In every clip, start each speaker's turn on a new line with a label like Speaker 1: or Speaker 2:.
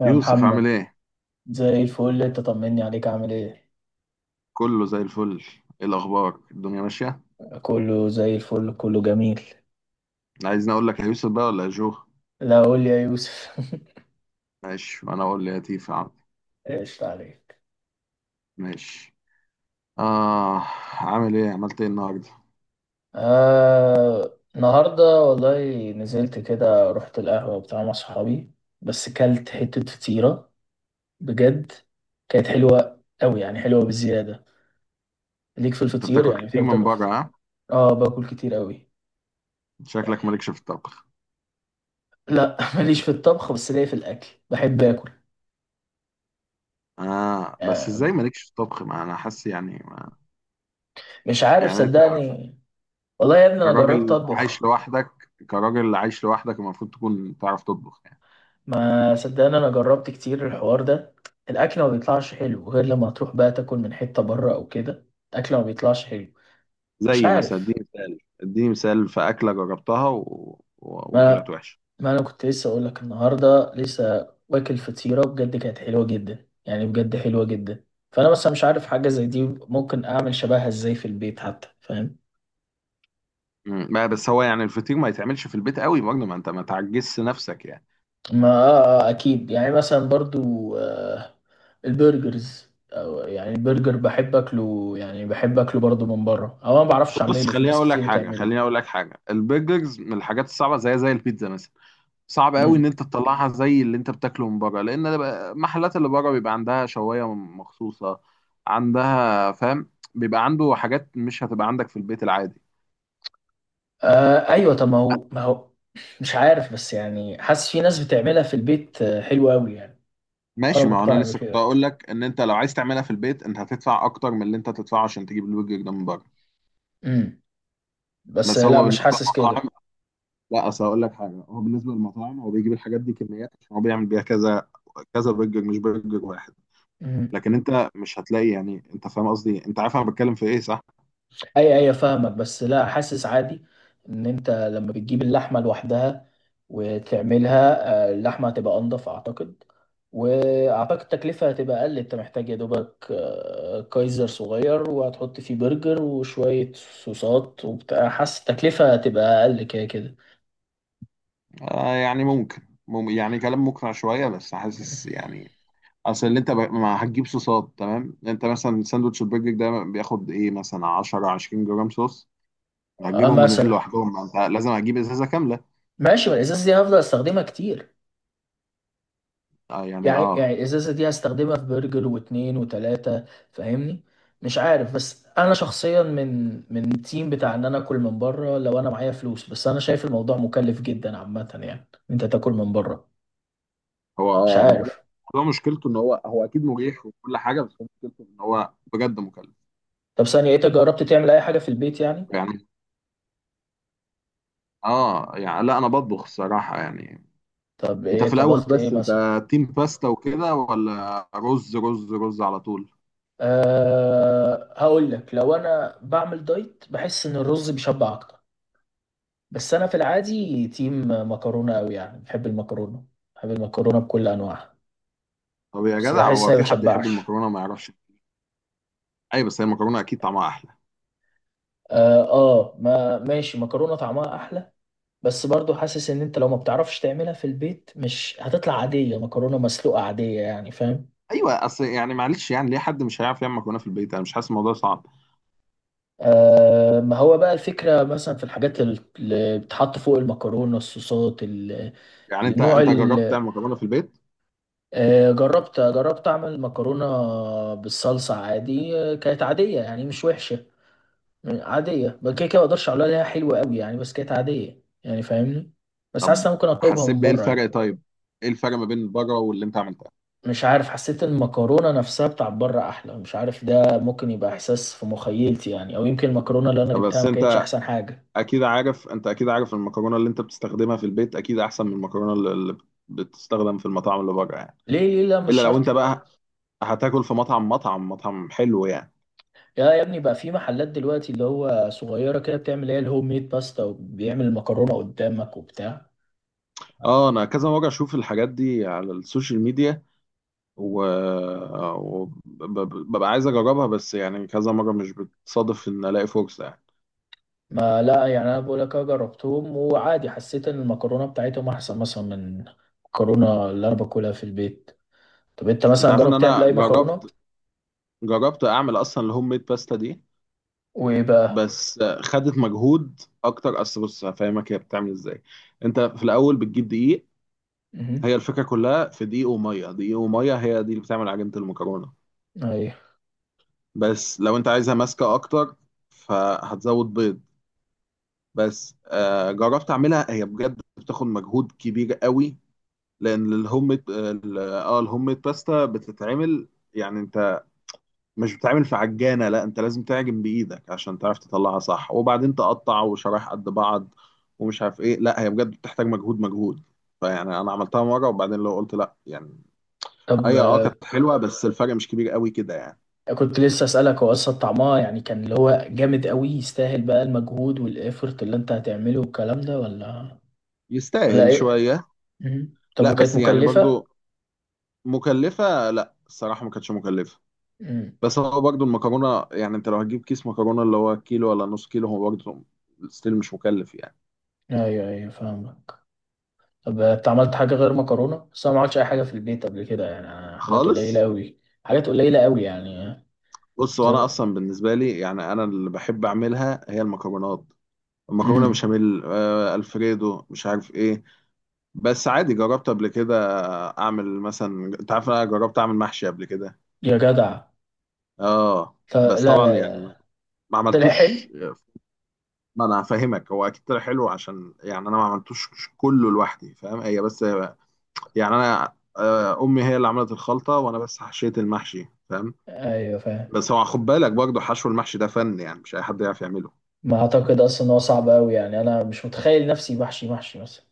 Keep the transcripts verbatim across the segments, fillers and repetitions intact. Speaker 1: يا
Speaker 2: يوسف عامل
Speaker 1: محمد.
Speaker 2: ايه؟
Speaker 1: زي الفل، انت طمني عليك، عامل ايه؟
Speaker 2: كله زي الفل. ايه الأخبار؟ الدنيا ماشية؟
Speaker 1: كله زي الفل، كله جميل.
Speaker 2: عايزني أقول لك يا يوسف بقى ولا يا جو؟
Speaker 1: لا، قول لي يا يوسف.
Speaker 2: ماشي وأنا أقول ليتيف يا تيفا. عم.
Speaker 1: ايش عليك.
Speaker 2: ماشي. آه. عامل ايه؟ عملت ايه النهاردة؟
Speaker 1: آه، النهارده والله نزلت كده، رحت القهوة بتاع مع صحابي. بس كلت حتة فطيرة. بجد. كانت حلوة قوي، يعني حلوة بزيادة. ليك في
Speaker 2: أنت
Speaker 1: الفطير؟
Speaker 2: بتاكل
Speaker 1: يعني
Speaker 2: كتير
Speaker 1: بتحب
Speaker 2: من
Speaker 1: تاكل
Speaker 2: بره
Speaker 1: فطير؟
Speaker 2: ها؟
Speaker 1: اه، باكل كتير قوي.
Speaker 2: شكلك
Speaker 1: يعني.
Speaker 2: مالكش في الطبخ.
Speaker 1: لا، ماليش في الطبخ، بس ليا في الاكل، بحب اكل.
Speaker 2: آه بس
Speaker 1: آه،
Speaker 2: ازاي مالكش في الطبخ؟ ما أنا حاسس. يعني ما...
Speaker 1: مش عارف
Speaker 2: يعني أنت
Speaker 1: صدقني. والله يا ابني، انا جربت
Speaker 2: كراجل عايش
Speaker 1: اطبخ.
Speaker 2: لوحدك كراجل عايش لوحدك المفروض تكون تعرف تطبخ يعني.
Speaker 1: ما صدقني، انا جربت كتير الحوار ده. الاكل ما بيطلعش حلو غير لما تروح بقى تاكل من حتة بره او كده. الاكل ما بيطلعش حلو. مش
Speaker 2: زي مثلا اديني
Speaker 1: عارف.
Speaker 2: مثال اديني مثال في أكلة جربتها و... و...
Speaker 1: ما
Speaker 2: وطلعت وحشة.
Speaker 1: ما انا كنت لسه اقول لك النهارده، لسه واكل فطيرة، بجد كانت حلوة جدا، يعني بجد حلوة جدا. فانا بس مش عارف حاجة زي دي، ممكن اعمل شبهها ازاي في البيت حتى، فاهم؟
Speaker 2: مم. لا بس هو يعني الفطير ما يتعملش في البيت قوي برضه، ما انت ما تعجزش نفسك يعني.
Speaker 1: ما آه آه، اكيد، يعني مثلا برضو آه، البرجرز، او يعني البرجر بحب اكله، يعني بحب اكله برضو من بره، او انا ما بعرفش
Speaker 2: بص
Speaker 1: اعمله، في
Speaker 2: خليني
Speaker 1: ناس
Speaker 2: اقول لك
Speaker 1: كتير
Speaker 2: حاجه
Speaker 1: بتعمله.
Speaker 2: خليني اقول لك حاجه، البرجرز من الحاجات الصعبه زي زي البيتزا مثلا. صعب قوي ان
Speaker 1: امم.
Speaker 2: انت تطلعها زي اللي انت بتاكله من بره، لان ده بقى- المحلات اللي بره بيبقى عندها شوايه مخصوصه عندها، فاهم. بيبقى عنده حاجات مش هتبقى عندك في البيت العادي.
Speaker 1: آه، ايوه، طب ما هو ما هو مش عارف، بس يعني حاسس في ناس بتعملها في البيت، آه، حلوة قوي يعني. انا
Speaker 2: ماشي، ما هو انا
Speaker 1: مقتنع
Speaker 2: لسه كنت
Speaker 1: بكده.
Speaker 2: اقول لك ان انت لو عايز تعملها في البيت انت هتدفع اكتر من اللي انت تدفعه عشان تجيب البرجر ده من بره.
Speaker 1: امم. بس
Speaker 2: بس
Speaker 1: لا،
Speaker 2: هو
Speaker 1: مش
Speaker 2: بالنسبه
Speaker 1: حاسس كده.
Speaker 2: للمطاعم، لا اصل هقول لك حاجه، هو بالنسبه للمطاعم هو بيجيب الحاجات دي كميات عشان هو بيعمل بيها كذا كذا برجر مش برجر واحد.
Speaker 1: مم.
Speaker 2: لكن انت مش هتلاقي، يعني انت فاهم قصدي، انت عارف انا بتكلم في ايه، صح؟
Speaker 1: اي، اي، فاهمك، بس لا، حاسس عادي ان انت لما بتجيب اللحمه لوحدها وتعملها، آه، اللحمه هتبقى انضف اعتقد. واعتقد التكلفه هتبقى اقل، انت محتاج يا دوبك آه، كايزر صغير وهتحط فيه برجر وشويه صوصات وبتاع، حاسس التكلفه هتبقى اقل كده كده.
Speaker 2: آه يعني ممكن. مم يعني كلام مقنع شويه، بس حاسس يعني. اصل اللي انت ب... ما هتجيب صوصات تمام، انت مثلا ساندوتش البرجر ده بياخد ايه مثلا عشر عشرين جرام صوص.
Speaker 1: آه،
Speaker 2: هتجيبهم منين
Speaker 1: مثلا.
Speaker 2: لوحدهم؟ ما انت لازم هتجيب ازازه كامله.
Speaker 1: ماشي، ما الازاز دي هفضل استخدمها كتير.
Speaker 2: آه يعني
Speaker 1: يعني يعني
Speaker 2: اه
Speaker 1: الازازه دي هستخدمها في برجر واتنين وتلاته، فاهمني؟ مش عارف، بس انا شخصيا من من التيم بتاع ان انا اكل من بره لو انا معايا فلوس، بس انا شايف الموضوع مكلف جدا عامه، يعني انت تاكل من بره.
Speaker 2: هو
Speaker 1: مش
Speaker 2: اه الموضوع.
Speaker 1: عارف.
Speaker 2: الموضوع مشكلته ان هو هو اكيد مريح وكل حاجه، بس هو مشكلته ان هو بجد مكلف.
Speaker 1: طب ثانيه إيه، انت جربت تعمل اي حاجه في البيت يعني؟
Speaker 2: يعني اه يعني لا، انا بطبخ الصراحه يعني.
Speaker 1: طب
Speaker 2: انت في
Speaker 1: ايه
Speaker 2: الاول
Speaker 1: طبخت ايه
Speaker 2: بس انت
Speaker 1: مثلا؟
Speaker 2: تيم باستا وكده ولا رز رز رز على طول.
Speaker 1: أه، هقول لك، لو انا بعمل دايت بحس ان الرز بيشبع اكتر، بس انا في العادي تيم مكرونه قوي، يعني بحب المكرونه. بحب المكرونه بكل انواعها.
Speaker 2: طب يا
Speaker 1: بس
Speaker 2: جدع
Speaker 1: بحس
Speaker 2: هو
Speaker 1: اني ما
Speaker 2: في حد يحب
Speaker 1: بتشبعش.
Speaker 2: المكرونه ما يعرفش. ايوه بس هي المكرونه اكيد طعمها احلى.
Speaker 1: اه، آه، ما ماشي، مكرونه طعمها احلى. بس برضو حاسس ان انت لو ما بتعرفش تعملها في البيت مش هتطلع عاديه، مكرونه مسلوقه عاديه يعني، فاهم؟
Speaker 2: ايوه، اصل يعني معلش، يعني ليه حد مش هيعرف يعمل مكرونه في البيت؟ انا مش حاسس الموضوع صعب.
Speaker 1: آه، ما هو بقى الفكره مثلا في الحاجات ال- اللي بتحط فوق المكرونه، الصوصات ال-
Speaker 2: يعني انت
Speaker 1: النوع
Speaker 2: انت جربت
Speaker 1: ال-
Speaker 2: تعمل مكرونه في البيت؟
Speaker 1: آه جربت جربت اعمل مكرونه بالصلصه عادي، آه، كانت عاديه يعني، مش وحشه. يعني عادية بقى كده كده، ما اقدرش اقول عليها حلوة قوي يعني، بس كانت عادية يعني، فاهمني؟ بس
Speaker 2: طب
Speaker 1: حاسس إن أنا ممكن اطلبها
Speaker 2: حسيت
Speaker 1: من
Speaker 2: بايه
Speaker 1: بره
Speaker 2: الفرق؟
Speaker 1: يعني.
Speaker 2: طيب، ايه الفرق ما بين بره واللي انت عملتها؟
Speaker 1: مش عارف، حسيت المكرونة نفسها بتاع بره احلى، مش عارف، ده ممكن يبقى احساس في مخيلتي يعني، او يمكن المكرونة اللي انا جبتها
Speaker 2: بس
Speaker 1: ما كانتش
Speaker 2: انت
Speaker 1: احسن حاجة.
Speaker 2: اكيد عارف انت اكيد عارف المكرونه اللي انت بتستخدمها في البيت اكيد احسن من المكرونه اللي اللي بتستخدم في المطاعم اللي بره يعني.
Speaker 1: ليه ليه لا، مش
Speaker 2: الا لو انت
Speaker 1: شرط.
Speaker 2: بقى هتاكل في مطعم مطعم مطعم حلو يعني.
Speaker 1: يا يا ابني بقى في محلات دلوقتي اللي هو صغيرة كده بتعمل ايه الهوم ميد باستا وبيعمل المكرونة قدامك وبتاع.
Speaker 2: اه، انا كذا مره اشوف الحاجات دي على السوشيال ميديا، و وببقى عايز اجربها، بس يعني كذا مره مش بتصادف ان الاقي فرصه يعني.
Speaker 1: ما لا، يعني انا بقول لك أه جربتهم وعادي، حسيت ان المكرونه بتاعتهم احسن مثلا من المكرونه اللي انا باكلها في البيت. طب انت
Speaker 2: انت
Speaker 1: مثلا
Speaker 2: عارف ان
Speaker 1: جربت تعمل
Speaker 2: انا
Speaker 1: اي مكرونه؟
Speaker 2: جربت جربت اعمل اصلا الهوم ميد باستا دي.
Speaker 1: وايه بقى؟
Speaker 2: بس خدت مجهود اكتر، اصل بص هفهمك هي بتعمل ازاي. انت في الاول بتجيب دقيق.
Speaker 1: امم.
Speaker 2: هي الفكرة كلها في دقيق ومية، دقيق ومية هي دي اللي بتعمل عجينة المكرونة.
Speaker 1: ايوه.
Speaker 2: بس لو انت عايزها ماسكة اكتر فهتزود بيض. بس آه جربت اعملها، هي بجد بتاخد مجهود كبير قوي، لان الهوم ال- اه الهوم ميد باستا بتتعمل، يعني انت مش بتتعمل في عجانة، لا انت لازم تعجن بايدك عشان تعرف تطلعها صح وبعدين تقطع وشرايح قد بعض ومش عارف ايه. لا هي بجد بتحتاج مجهود مجهود، فيعني انا عملتها مرة وبعدين لو قلت لا يعني.
Speaker 1: طب
Speaker 2: اي اه
Speaker 1: آه،
Speaker 2: كانت حلوه بس الفرق مش كبير قوي كده يعني.
Speaker 1: كنت لسه اسالك هو اصلا طعمها يعني كان اللي هو جامد قوي، يستاهل بقى المجهود والافورت اللي انت هتعمله والكلام ده، ولا ولا
Speaker 2: يستاهل
Speaker 1: ايه؟
Speaker 2: شويه.
Speaker 1: مم. طب
Speaker 2: لا
Speaker 1: وكانت
Speaker 2: بس يعني
Speaker 1: مكلفه؟
Speaker 2: برضو مكلفه، لا الصراحه ما كانتش مكلفه.
Speaker 1: امم.
Speaker 2: بس هو برضو المكرونه، يعني انت لو هتجيب كيس مكرونه اللي هو كيلو ولا نص كيلو هو برضو ستيل مش مكلف يعني.
Speaker 1: ايوه، ايوه، فاهمك. طب انت عملت حاجة غير مكرونة؟ بس انا ما عملتش اي حاجة في البيت قبل كده يعني، أنا حاجات قليلة
Speaker 2: خالص.
Speaker 1: قوي. حاجات قليلة قوي يعني.
Speaker 2: بص
Speaker 1: زي.
Speaker 2: وانا اصلا بالنسبه لي، يعني انا اللي بحب اعملها هي المكرونات. المكرونه
Speaker 1: امم.
Speaker 2: بشاميل، آه، الفريدو، مش عارف ايه. بس عادي جربت قبل كده اعمل مثلا، انت عارف انا جربت اعمل محشي قبل كده.
Speaker 1: يا جدع.
Speaker 2: اه
Speaker 1: ط-
Speaker 2: بس
Speaker 1: لا، لا،
Speaker 2: طبعا يعني
Speaker 1: لا.
Speaker 2: ما
Speaker 1: طلع حلو.
Speaker 2: عملتوش. ما انا هفهمك، هو اكيد طلع حلو عشان يعني انا ما عملتوش كله لوحدي، فاهم، هي بس يعني انا آه، امي هي اللي عملت الخلطه وانا بس حشيت المحشي فاهم.
Speaker 1: ايوه، فاهم.
Speaker 2: بس هو خد بالك برضه حشو المحشي ده فن، يعني مش اي حد يعرف يعمله.
Speaker 1: ما اعتقد اصلا ان هو صعب قوي يعني، انا مش متخيل نفسي محشي محشي مثلا.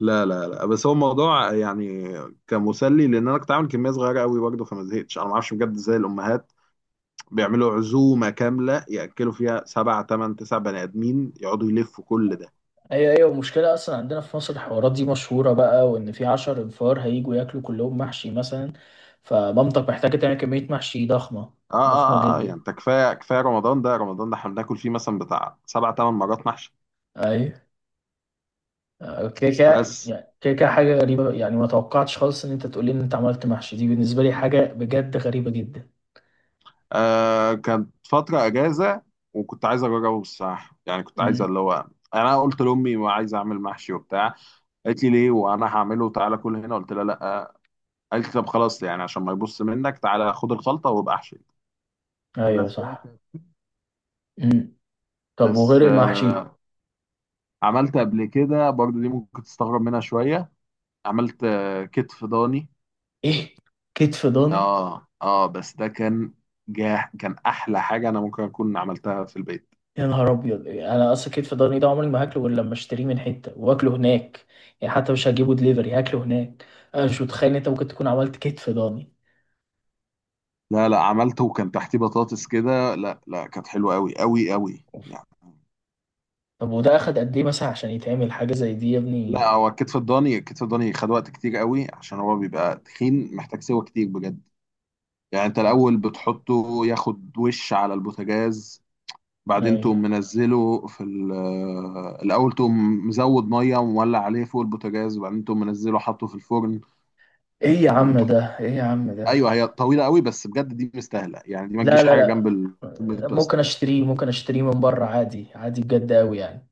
Speaker 2: لا لا لا، بس هو الموضوع يعني كان مسلي لان انا كنت عامل كميه صغيره قوي برضه، فما زهقتش. انا ما اعرفش بجد ازاي الامهات بيعملوا عزومه كامله ياكلوا فيها سبع ثمان تسع بني ادمين يقعدوا يلفوا كل ده.
Speaker 1: ايوه، ايوه، المشكلة اصلا عندنا في مصر الحوارات دي مشهورة بقى، وان في عشر انفار هيجوا ياكلوا كلهم محشي مثلا، فمامتك محتاجة تعمل كمية محشي ضخمة.
Speaker 2: اه
Speaker 1: ضخمة
Speaker 2: اه اه، آه، يعني
Speaker 1: جدا.
Speaker 2: انت كفايه كفايه رمضان ده رمضان ده احنا بناكل فيه مثلا بتاع سبع ثمان مرات محشي.
Speaker 1: ايوه. كده كده
Speaker 2: بس
Speaker 1: يعني، كده كده حاجة غريبة يعني، ما توقعتش خالص إن أنت تقول لي إن أنت عملت محشي، دي بالنسبة لي حاجة بجد غريبة جدا.
Speaker 2: آه كانت فتره اجازه وكنت عايز اجربه الصراحه، يعني كنت عايز
Speaker 1: امم.
Speaker 2: اللي هو انا قلت لامي وعايز اعمل محشي وبتاع. قالت لي ليه وانا هعمله، تعالى كل هنا، قلت لها لا. قالت لي طب خلاص يعني عشان ما يبص منك تعالى خد الخلطه وابقى احشي.
Speaker 1: أيوه
Speaker 2: بس هي
Speaker 1: صح.
Speaker 2: كانت-
Speaker 1: امم. طب
Speaker 2: بس
Speaker 1: وغير المحشي؟
Speaker 2: آه عملت قبل كده برضو، دي ممكن تستغرب منها شويه، عملت آه كتف ضاني.
Speaker 1: إيه؟ كتف ضاني؟
Speaker 2: اه اه بس ده كان جاه، كان احلى حاجه انا ممكن اكون عملتها في البيت.
Speaker 1: يا نهار أبيض، أنا أصلا كتف ضاني ده عمري ما هاكله غير لما أشتريه من حتة وآكله هناك، يعني حتى مش هجيبه دليفري، هاكله هناك. أنا مش متخيل إن أنت ممكن تكون عملت كتف ضاني.
Speaker 2: لا لا عملته وكان تحتيه بطاطس كده، لا لا كانت حلوه قوي قوي قوي يعني.
Speaker 1: طب وده أخد قد إيه مثلا عشان يتعمل حاجة زي دي يا
Speaker 2: لا
Speaker 1: ابني؟
Speaker 2: هو الكتف الضاني، الكتف الضاني خد وقت كتير قوي عشان هو بيبقى تخين، محتاج سوا كتير بجد. يعني انت الاول بتحطه ياخد وش على البوتاجاز، بعدين تقوم
Speaker 1: أيوه.
Speaker 2: منزله في ال- آه، الاول تقوم مزود ميه ومولع عليه فوق البوتاجاز وبعدين تقوم منزله حاطه في الفرن.
Speaker 1: إيه يا
Speaker 2: بعدين،
Speaker 1: عم ده، إيه يا عم ده.
Speaker 2: ايوه هي طويله قوي بس بجد دي مستاهله، يعني دي ما
Speaker 1: لا،
Speaker 2: تجيش
Speaker 1: لا،
Speaker 2: حاجه
Speaker 1: لا.
Speaker 2: جنب البيت بلاست.
Speaker 1: ممكن اشتريه، ممكن اشتريه من بره عادي، عادي بجد قوي يعني.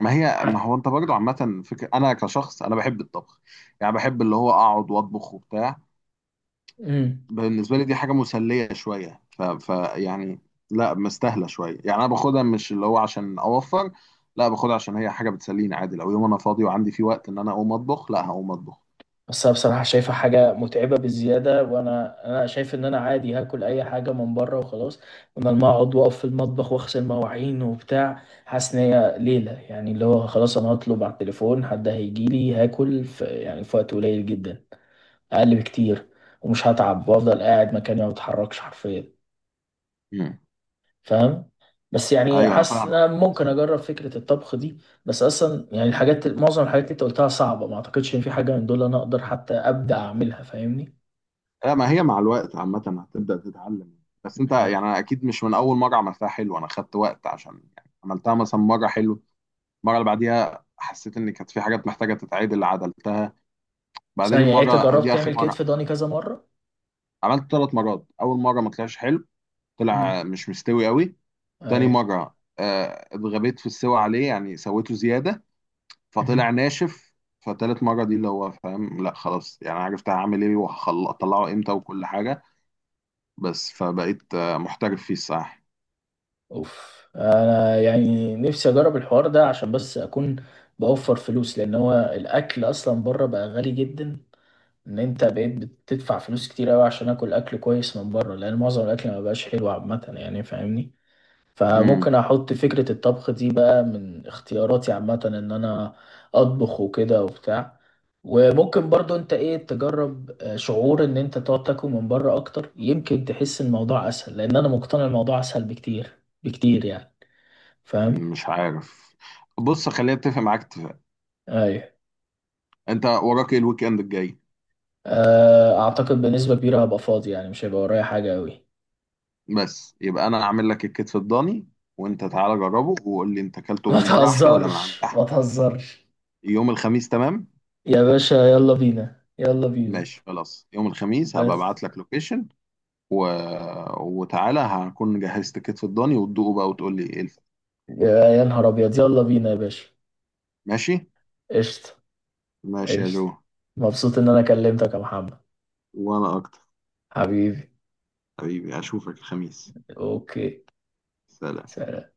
Speaker 2: ما
Speaker 1: ح...
Speaker 2: هي ما هو انت برضه عامه فكره انا كشخص انا بحب الطبخ، يعني بحب اللي هو اقعد واطبخ وبتاع.
Speaker 1: امم.
Speaker 2: بالنسبه لي دي حاجه مسليه شويه ف, ف يعني، لا مستاهله شويه، يعني انا باخدها مش اللي هو عشان اوفر، لا باخدها عشان هي حاجه بتسليني عادي، لو يوم انا فاضي وعندي فيه وقت ان انا اقوم اطبخ لا هقوم اطبخ.
Speaker 1: بس انا بصراحه شايفها حاجه متعبه بزياده، وانا انا شايف ان انا عادي هاكل اي حاجه من بره وخلاص، بدل ما اقعد واقف في المطبخ واغسل مواعين وبتاع، حاسس ان هي ليله يعني، اللي هو خلاص انا هطلب على التليفون، حد هيجي لي هاكل في يعني في وقت قليل جدا، اقل بكتير، ومش هتعب، وافضل قاعد مكاني ما بتحركش حرفيا،
Speaker 2: مم.
Speaker 1: فاهم؟ بس يعني
Speaker 2: ايوه انا
Speaker 1: حاسس ان
Speaker 2: فاهمك.
Speaker 1: انا ممكن اجرب فكره الطبخ دي. بس اصلا يعني الحاجات معظم الحاجات اللي انت قلتها صعبه، ما اعتقدش ان في حاجه من دول انا اقدر حتى ابدا اعملها، فاهمني؟
Speaker 2: آه، ما هي مع الوقت عامة هتبدأ تتعلم. بس انت
Speaker 1: آه،
Speaker 2: يعني انا اكيد مش من اول مرة عملتها حلو، انا خدت وقت عشان يعني عملتها مثلا مرة حلو، المرة اللي بعديها حسيت ان كانت في حاجات محتاجة تتعدل عدلتها، بعدين
Speaker 1: ثانيه يعني انت
Speaker 2: المرة
Speaker 1: جربت
Speaker 2: دي اخر
Speaker 1: تعمل كتف
Speaker 2: مرة.
Speaker 1: ضاني كذا مره؟
Speaker 2: عملت ثلاث مرات، اول مرة ما طلعش حلو، طلع
Speaker 1: امم.
Speaker 2: مش مستوي قوي. تاني
Speaker 1: ايوه.
Speaker 2: مرة آه، اتغبيت في السوى عليه يعني سويته زيادة فطلع
Speaker 1: مهم.
Speaker 2: ناشف. فتالت مرة دي اللي هو فاهم، لا خلاص يعني عرفت هعمل ايه وهطلعه امتى وكل حاجة، بس فبقيت آه، محترف فيه الصراحة.
Speaker 1: اوف، انا يعني نفسي اجرب الحوار ده عشان بس اكون بوفر فلوس، لان هو الاكل اصلا بره بقى غالي جدا، ان انت بقيت بتدفع فلوس كتير قوي عشان اكل اكل كويس من بره، لان معظم الاكل ما بقاش حلو عامه يعني، فاهمني؟ فممكن
Speaker 2: امم.
Speaker 1: احط فكرة الطبخ دي بقى من اختياراتي عامة، ان انا اطبخ وكده وبتاع. وممكن برضو انت ايه تجرب آه، شعور ان انت تقعد تاكل من بره اكتر، يمكن تحس الموضوع اسهل، لان انا مقتنع الموضوع اسهل بكتير بكتير يعني، فاهم؟
Speaker 2: مش عارف. بص خليني اتفق معاك اتفاق.
Speaker 1: ايوه.
Speaker 2: انت وراك ايه الويك اند الجاي؟
Speaker 1: آه، اعتقد بنسبة كبيرة هبقى فاضي يعني، مش هيبقى ورايا حاجة قوي.
Speaker 2: بس يبقى انا اعمل لك الكتف الضاني، وانت تعالى جربه وقول لي انت اكلته
Speaker 1: ما
Speaker 2: من بره احلى ولا من عندي
Speaker 1: تهزرش، ما
Speaker 2: احلى.
Speaker 1: تهزرش.
Speaker 2: يوم الخميس تمام؟
Speaker 1: يا باشا يلا بينا، يلا بينا.
Speaker 2: ماشي خلاص، يوم الخميس هبقى
Speaker 1: بس.
Speaker 2: ابعت لك لوكيشن و... وتعالى هكون جهزت الكتف الضاني وتدوقه بقى وتقول لي ايه الفرق.
Speaker 1: يا يا نهار ابيض، يلا بينا يا باشا.
Speaker 2: ماشي.
Speaker 1: قشطة.
Speaker 2: ماشي يا جو.
Speaker 1: قشطة. مبسوط إن أنا كلمتك يا محمد.
Speaker 2: وانا اكتر.
Speaker 1: حبيبي.
Speaker 2: حبيبي، اشوفك الخميس.
Speaker 1: أوكي.
Speaker 2: سلام.
Speaker 1: سلام.